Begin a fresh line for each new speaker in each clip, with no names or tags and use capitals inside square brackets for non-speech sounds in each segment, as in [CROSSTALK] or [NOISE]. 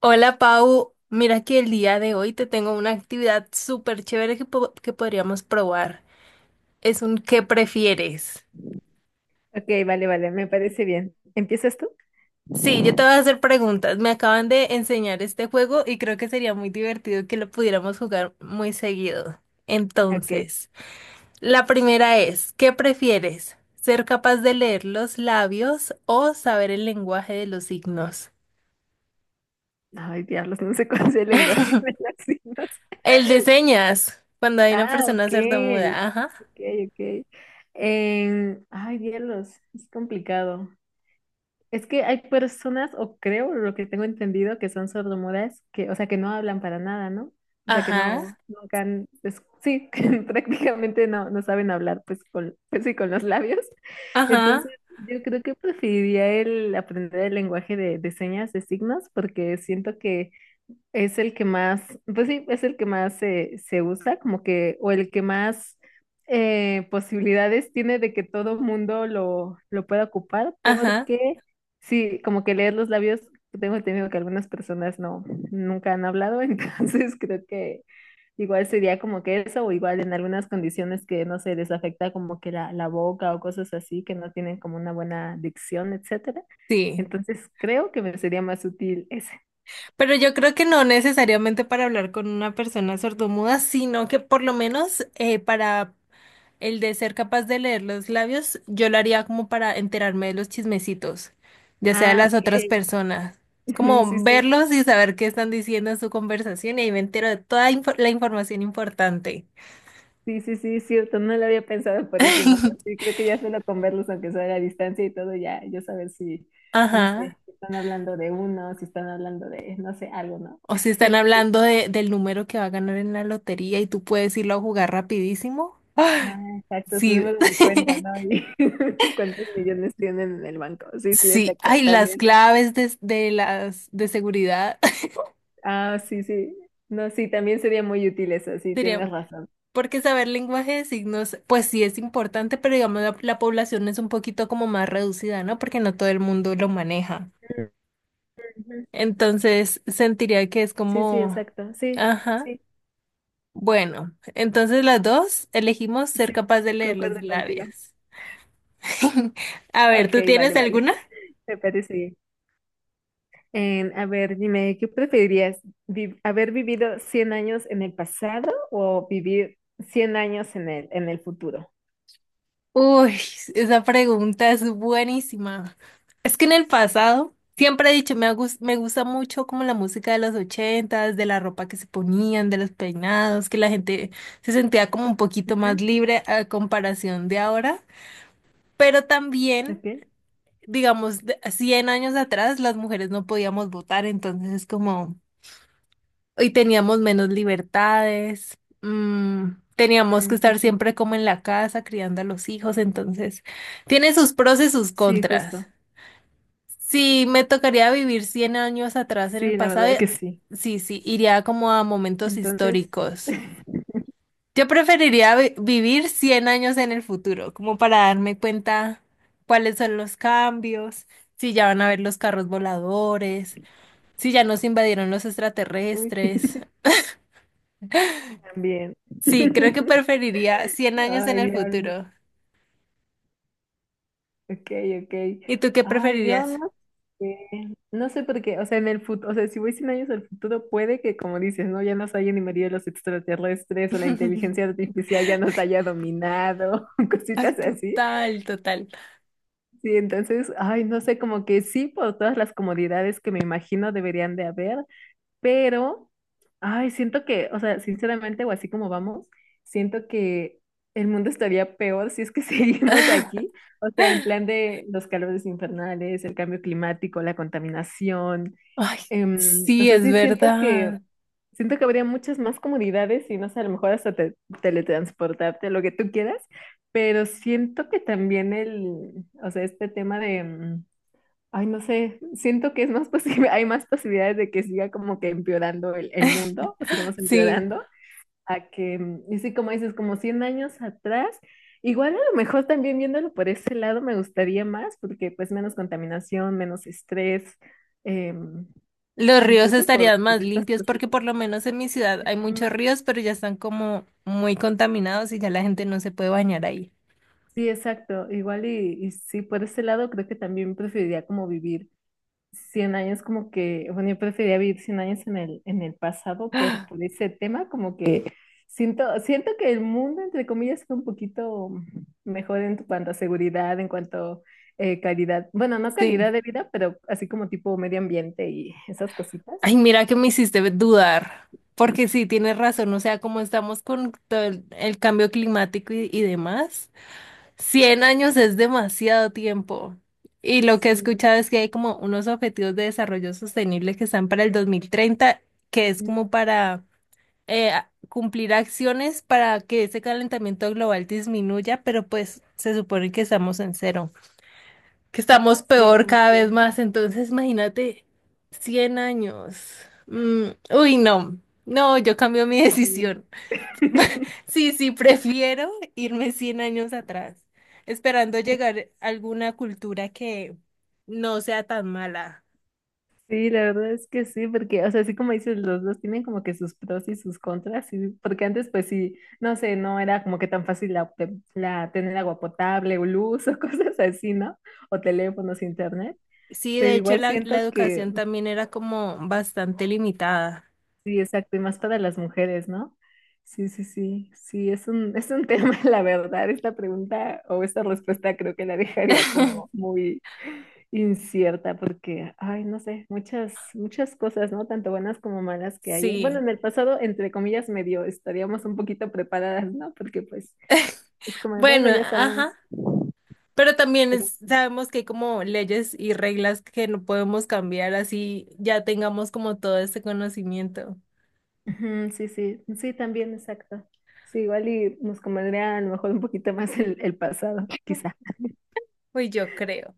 Hola Pau, mira que el día de hoy te tengo una actividad súper chévere que podríamos probar. Es un ¿qué prefieres?
Ok, vale, vale, me parece bien. ¿Empiezas tú?
Sí, yo te voy a hacer preguntas. Me acaban de enseñar este juego y creo que sería muy divertido que lo pudiéramos jugar muy seguido.
Ok.
Entonces, la primera es, ¿qué prefieres? ¿Ser capaz de leer los labios o saber el lenguaje de los signos?
Ay, diablos, no sé cuál es el lenguaje [LAUGHS] de
[LAUGHS]
las signos.
El de señas, cuando hay una
Ah,
persona
ok,
sordomuda. Ajá,
ok, ok. Ay, diablos, es complicado. Es que hay personas, o creo, lo que tengo entendido, que son sordomudas, que, o sea, que no hablan para nada, ¿no? O sea, que
ajá,
no, nunca han, sí, [LAUGHS] que prácticamente no, no saben hablar, pues, con, pues sí, con los labios. [LAUGHS] Entonces,
ajá.
yo creo que preferiría el aprender el lenguaje de señas, de signos, porque siento que es el que más, pues sí, es el que más se usa, como que, o el que más posibilidades tiene de que todo mundo lo pueda ocupar,
Ajá,
porque sí, como que leer los labios, tengo entendido que algunas personas no, nunca han hablado, [LAUGHS] entonces creo que igual sería como que eso, o igual en algunas condiciones que no se les afecta como que la boca o cosas así, que no tienen como una buena dicción, etcétera.
sí.
Entonces creo que me sería más útil ese.
Pero yo creo que no necesariamente para hablar con una persona sordomuda, sino que por lo menos para el de ser capaz de leer los labios, yo lo haría como para enterarme de los chismecitos, ya sea de
Ah,
las otras
ok.
personas. Es
[LAUGHS] Mm, sí,
como
sí,
verlos y saber qué están diciendo en su conversación y ahí me entero de toda la información importante.
sí, sí, sí, cierto, no lo había pensado por ese modo. Sí,
[LAUGHS]
creo que ya solo con verlos, aunque sea a la distancia y todo, ya yo saber si, no
Ajá.
sé, si están hablando de uno, si están hablando de, no sé, algo, ¿no?
O si
[LAUGHS]
están
Sí, sí.
hablando del número que va a ganar en la lotería y tú puedes irlo a jugar rapidísimo.
Ah,
¡Ah!
exacto, su
Sí.
número de cuenta, ¿no?
[LAUGHS]
Y [LAUGHS] cuántos millones tienen en el banco. Sí, sí,
Sí,
exacto,
ay, las
también.
claves de las de seguridad. [LAUGHS]
Ah, sí, sí. No, sí, también sería muy útil eso, sí,
Sería,
tienes razón.
porque saber lenguaje de signos, pues sí es importante, pero digamos la población es un poquito como más reducida, ¿no? Porque no todo el mundo lo maneja.
Ujú.
Entonces, sentiría que es
Sí, sí,
como,
exacto. Sí,
ajá.
sí,
Bueno, entonces las dos elegimos ser
sí,
capaz de leer los
concuerdo contigo.
labios. [LAUGHS] A ver,
Ok,
¿tú
vale,
tienes
vale.
alguna?
Me parece bien. A ver, dime, ¿qué preferirías? ¿Haber vivido 100 años en el pasado o vivir 100 años en el futuro?
Uy, esa pregunta es buenísima. Es que en el pasado siempre he dicho, me gusta mucho como la música de los ochentas, de la ropa que se ponían, de los peinados, que la gente se sentía como un poquito
Ujú,
más libre a comparación de ahora. Pero también,
ok,
digamos, 100 años atrás las mujeres no podíamos votar, entonces es como y teníamos menos libertades, teníamos que
mm, sí,
estar
sí,
siempre como en la casa criando a los hijos, entonces tiene sus pros y sus
sí,
contras.
justo.
Si me tocaría vivir 100 años atrás en el
Sí, la
pasado,
verdad es que sí.
sí, sí, iría como a momentos
Entonces,
históricos.
[LAUGHS]
Yo preferiría vivir 100 años en el futuro, como para darme cuenta cuáles son los cambios, si ya van a haber los carros voladores, si ya nos invadieron los
uy, [LAUGHS]
extraterrestres.
también.
Sí, creo que
[LAUGHS]
preferiría 100 años en
Ay,
el
Dios.
futuro.
Ok, ok.
¿Y tú qué
Ay, yo
preferirías?
no sé. No sé por qué. O sea, en el futuro, o sea, si voy 100 años al futuro, puede que, como dices, ¿no? Ya nos hayan invadido los extraterrestres o la inteligencia
[LAUGHS]
artificial ya nos haya dominado, [LAUGHS]
Ay,
cositas así.
total, total.
Sí, entonces, ay, no sé, como que sí, por todas las comodidades que me imagino deberían de haber, pero, ay, siento que, o sea, sinceramente, o así como vamos, siento que el mundo estaría peor si es que [LAUGHS] seguimos aquí.
[LAUGHS]
O sea, en plan de los calores infernales, el cambio climático, la contaminación.
Ay,
O
sí,
sea,
es
sí
verdad.
siento que habría muchas más comodidades y no sé, a lo mejor hasta teletransportarte, lo que tú quieras. Pero siento que también el, o sea, este tema de, ay, no sé, siento que es más posible, [LAUGHS] hay más posibilidades de que siga como que empeorando el mundo, o
[LAUGHS]
sigamos
Sí,
empeorando, a que, y sí, como dices, como 100 años atrás, igual a lo mejor también viéndolo por ese lado me gustaría más, porque pues menos contaminación, menos estrés, em,
los ríos
creo que por,
estarían
por
más
estas
limpios
cosas.
porque por lo menos en mi ciudad hay muchos
Ujú.
ríos, pero ya están como muy contaminados y ya la gente no se puede bañar ahí.
Sí, exacto, igual y sí, por ese lado creo que también preferiría como vivir 100 años como que, bueno, yo preferiría vivir 100 años en el pasado por,
[GASPS]
por ese tema, como que siento que el mundo, entre comillas, fue un poquito mejor en cuanto a seguridad, en cuanto a calidad, bueno, no calidad
Sí.
de vida, pero así como tipo medio ambiente y esas cositas.
Ay, mira que me hiciste dudar, porque sí, tienes razón, o sea, como estamos con todo el cambio climático y demás. 100 años es demasiado tiempo. Y lo que he
Sí,
escuchado es que hay como unos objetivos de desarrollo sostenible que están para el 2030 que es
no,
como para cumplir acciones para que ese calentamiento global disminuya, pero pues se supone que estamos en cero, que estamos
sí,
peor
como
cada vez
que
más. Entonces, imagínate 100 años. Mm, uy, no, no, yo cambio mi [LAUGHS]
sí.
decisión. [LAUGHS] Sí, sí, prefiero irme 100 años atrás, esperando llegar a alguna cultura que no sea tan mala.
Sí, la verdad es que sí, porque, o sea, así como dices, los dos tienen como que sus pros y sus contras, porque antes pues sí, no sé, no era como que tan fácil tener agua potable o luz o [LAUGHS] cosas así, ¿no? O teléfonos, internet,
Sí, de
pero
hecho
igual
la
siento que
educación también era como bastante limitada.
sí, exacto, y más para las mujeres, ¿no? Sí, sí, sí, sí, es un, tema, [LAUGHS] la verdad, esta pregunta o esta respuesta creo que la dejaría como
[LAUGHS]
muy incierta porque, ay, no sé, muchas, muchas cosas, ¿no? Tanto buenas como malas que hay. Bueno,
Sí,
en el pasado, entre comillas, medio estaríamos un poquito preparadas, ¿no? Porque pues es como, de, bueno,
bueno,
ya sabemos.
ajá, pero también
Pero sí.
sabemos que hay como leyes y reglas que no podemos cambiar así ya tengamos como todo este conocimiento.
Ujú, sí, sí, sí, también, exacto. Sí, igual y nos convendría a lo mejor un poquito más el pasado, quizá.
Pues yo creo.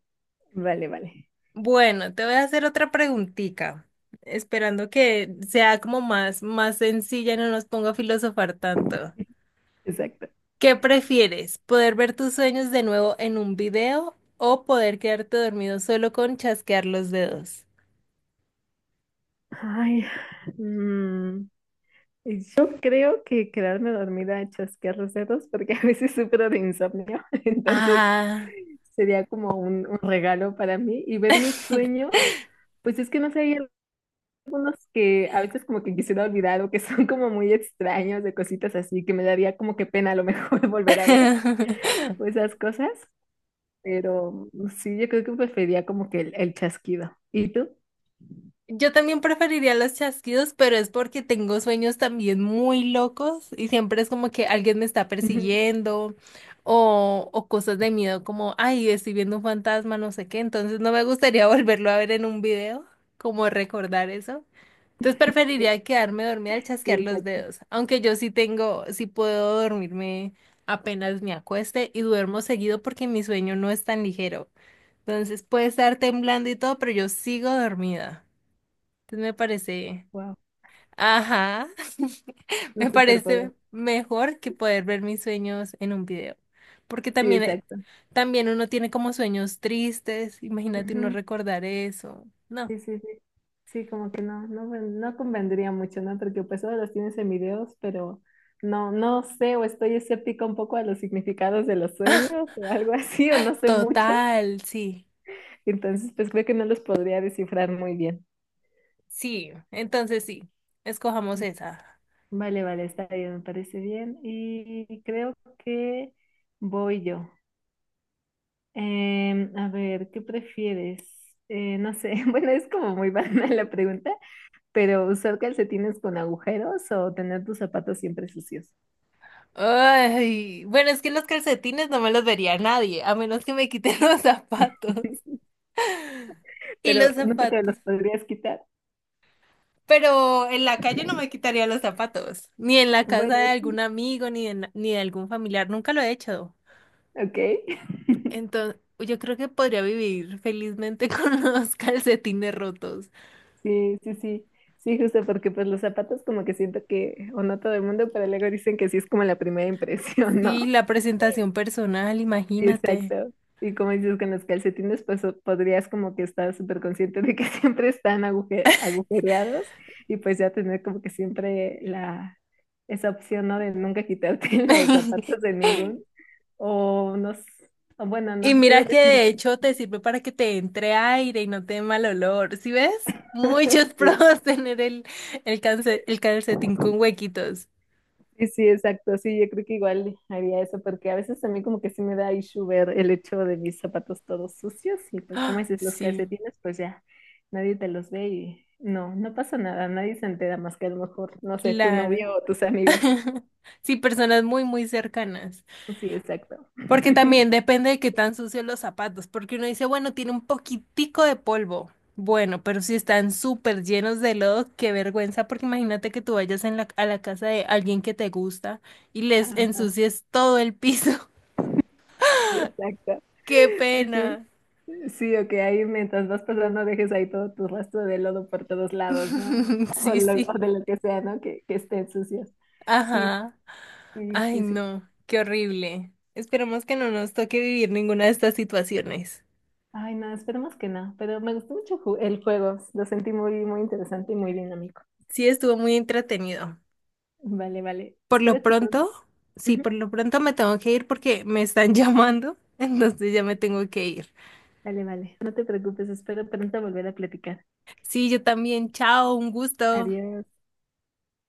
Vale, vale,
Bueno, te voy a hacer otra preguntita, esperando que sea como más, más sencilla y no nos ponga a filosofar tanto.
exacto.
¿Qué prefieres? ¿Poder ver tus sueños de nuevo en un video o poder quedarte dormido solo con chasquear los dedos?
Ay, mm, yo creo que quedarme dormida a chasquear los dedos porque a veces sufro de insomnio, [LAUGHS] entonces,
Ah.
sería como un regalo para mí. Y ver mis sueños, pues es que no sé, hay algunos que a veces como que quisiera olvidar o que son como muy extraños de cositas así, que me daría como que pena a lo mejor [LAUGHS] volver a ver
[LAUGHS]
o esas cosas. Pero sí, yo creo que preferiría como que el chasquido. ¿Y tú?
Yo también preferiría los chasquidos, pero es porque tengo sueños también muy locos y siempre es como que alguien me está
[LAUGHS]
persiguiendo o cosas de miedo como, ay, estoy viendo un fantasma, no sé qué, entonces no me gustaría [LAUGHS] volverlo a ver en un video, como recordar eso. Entonces
Sí,
preferiría quedarme dormida al
sí,
chasquear los
exacto.
dedos, aunque yo sí tengo, sí puedo dormirme apenas me acueste y duermo seguido porque mi sueño no es tan ligero. Entonces puede estar temblando y todo, pero yo sigo dormida. Entonces me parece,
Wow,
ajá, [LAUGHS]
un
me
superpoder.
parece mejor que poder ver mis sueños en un video, porque
Sí,
también,
exacto.
también uno tiene como sueños tristes, imagínate uno recordar eso, no,
Sí, sí, sí. Sí, como que no, no, no convendría mucho, ¿no? Porque pues ahora los tienes en videos, pero no, no sé, o estoy escéptica un poco a los significados de los sueños o algo [LAUGHS] así, o no sé mucho.
total, sí,
Entonces, pues creo que no los podría descifrar muy bien.
sí, entonces sí, escojamos
Mm.
esa.
Vale, vale, está bien, me parece bien. Y creo que voy yo. A ver, ¿qué prefieres? No sé, [LAUGHS] bueno, es como muy [LAUGHS] banal la pregunta. Pero usar calcetines con agujeros o tener tus zapatos siempre sucios.
Ay, bueno, es que los calcetines no me los vería nadie, a menos que me quiten [LAUGHS] los zapatos.
[LAUGHS]
[LAUGHS] Y
Pero
los
nunca te
zapatos.
los podrías quitar.
Pero en la calle no me quitaría los zapatos, ni en la casa
Bueno,
de
sí,
algún amigo, ni de, ni de algún familiar, nunca lo he hecho.
ok. [LAUGHS]
Entonces, yo creo que podría vivir felizmente [LAUGHS] con los calcetines rotos.
Sí, sí, sí. Sí, justo porque pues los zapatos como que siento que, o no todo el mundo, pero luego dicen que sí es como la primera impresión,
Sí,
¿no?
la presentación personal,
Sí,
imagínate.
exacto. Y como dices, con los calcetines, pues podrías como que estar súper consciente de que [LAUGHS] siempre están agujereados y pues ya tener como que siempre esa opción, ¿no? De nunca quitarte [LAUGHS] los zapatos
[LAUGHS]
de ningún. O no, o bueno,
Y
no, te iba a
mira que
decir,
de hecho te sirve para que te entre aire y no te dé mal olor. ¿Sí ves?
[LAUGHS]
Muchos [LAUGHS]
sí.
pros tener el calcetín con huequitos. [GASPS]
Sí, sí, exacto. Sí, yo creo que igual haría eso, porque a veces a mí como que sí me da issue ver el hecho de mis zapatos todos sucios y pues como
Ah,
dices, los
sí,
calcetines, pues ya nadie te los ve y no, no pasa nada, nadie se entera más que a lo mejor, no sé, tu
claro.
novio o tus amigos.
Sí, personas muy, muy cercanas.
Sí, exacto.
Porque
[LAUGHS]
también depende de qué tan sucios los zapatos, porque uno dice, bueno, tiene un poquitico de polvo. Bueno, pero si están súper llenos de lodo, qué vergüenza, porque imagínate que tú vayas a la casa de alguien que te gusta y les
Ajá,
ensucies todo el piso.
sí, exacto.
[LAUGHS] ¡Qué
Sí, sí.
pena!
Sí, o que ahí mientras vas pasando dejes ahí todo tu rastro de lodo por todos lados, ¿no?
[LAUGHS]
[LAUGHS] O,
Sí,
lo- o
sí.
de lo que sea, ¿no? Que estén sucios. Sí,
Ajá.
sí,
Ay,
sí, sí.
no, qué horrible. Esperemos que no nos toque vivir ninguna de estas situaciones.
Ay, no, esperemos que no, pero me gustó mucho el juego, lo sentí muy, muy interesante y muy dinámico.
Sí, estuvo muy entretenido.
Vale, vale,
Por lo
espero que pronto.
pronto, sí,
Ujú,
por lo pronto me tengo que ir porque me están [LAUGHS] llamando, entonces ya me
sí,
tengo que ir.
vale, vale, no te preocupes, espero pronto volver a platicar.
Sí, yo también, chao, un gusto.
Adiós.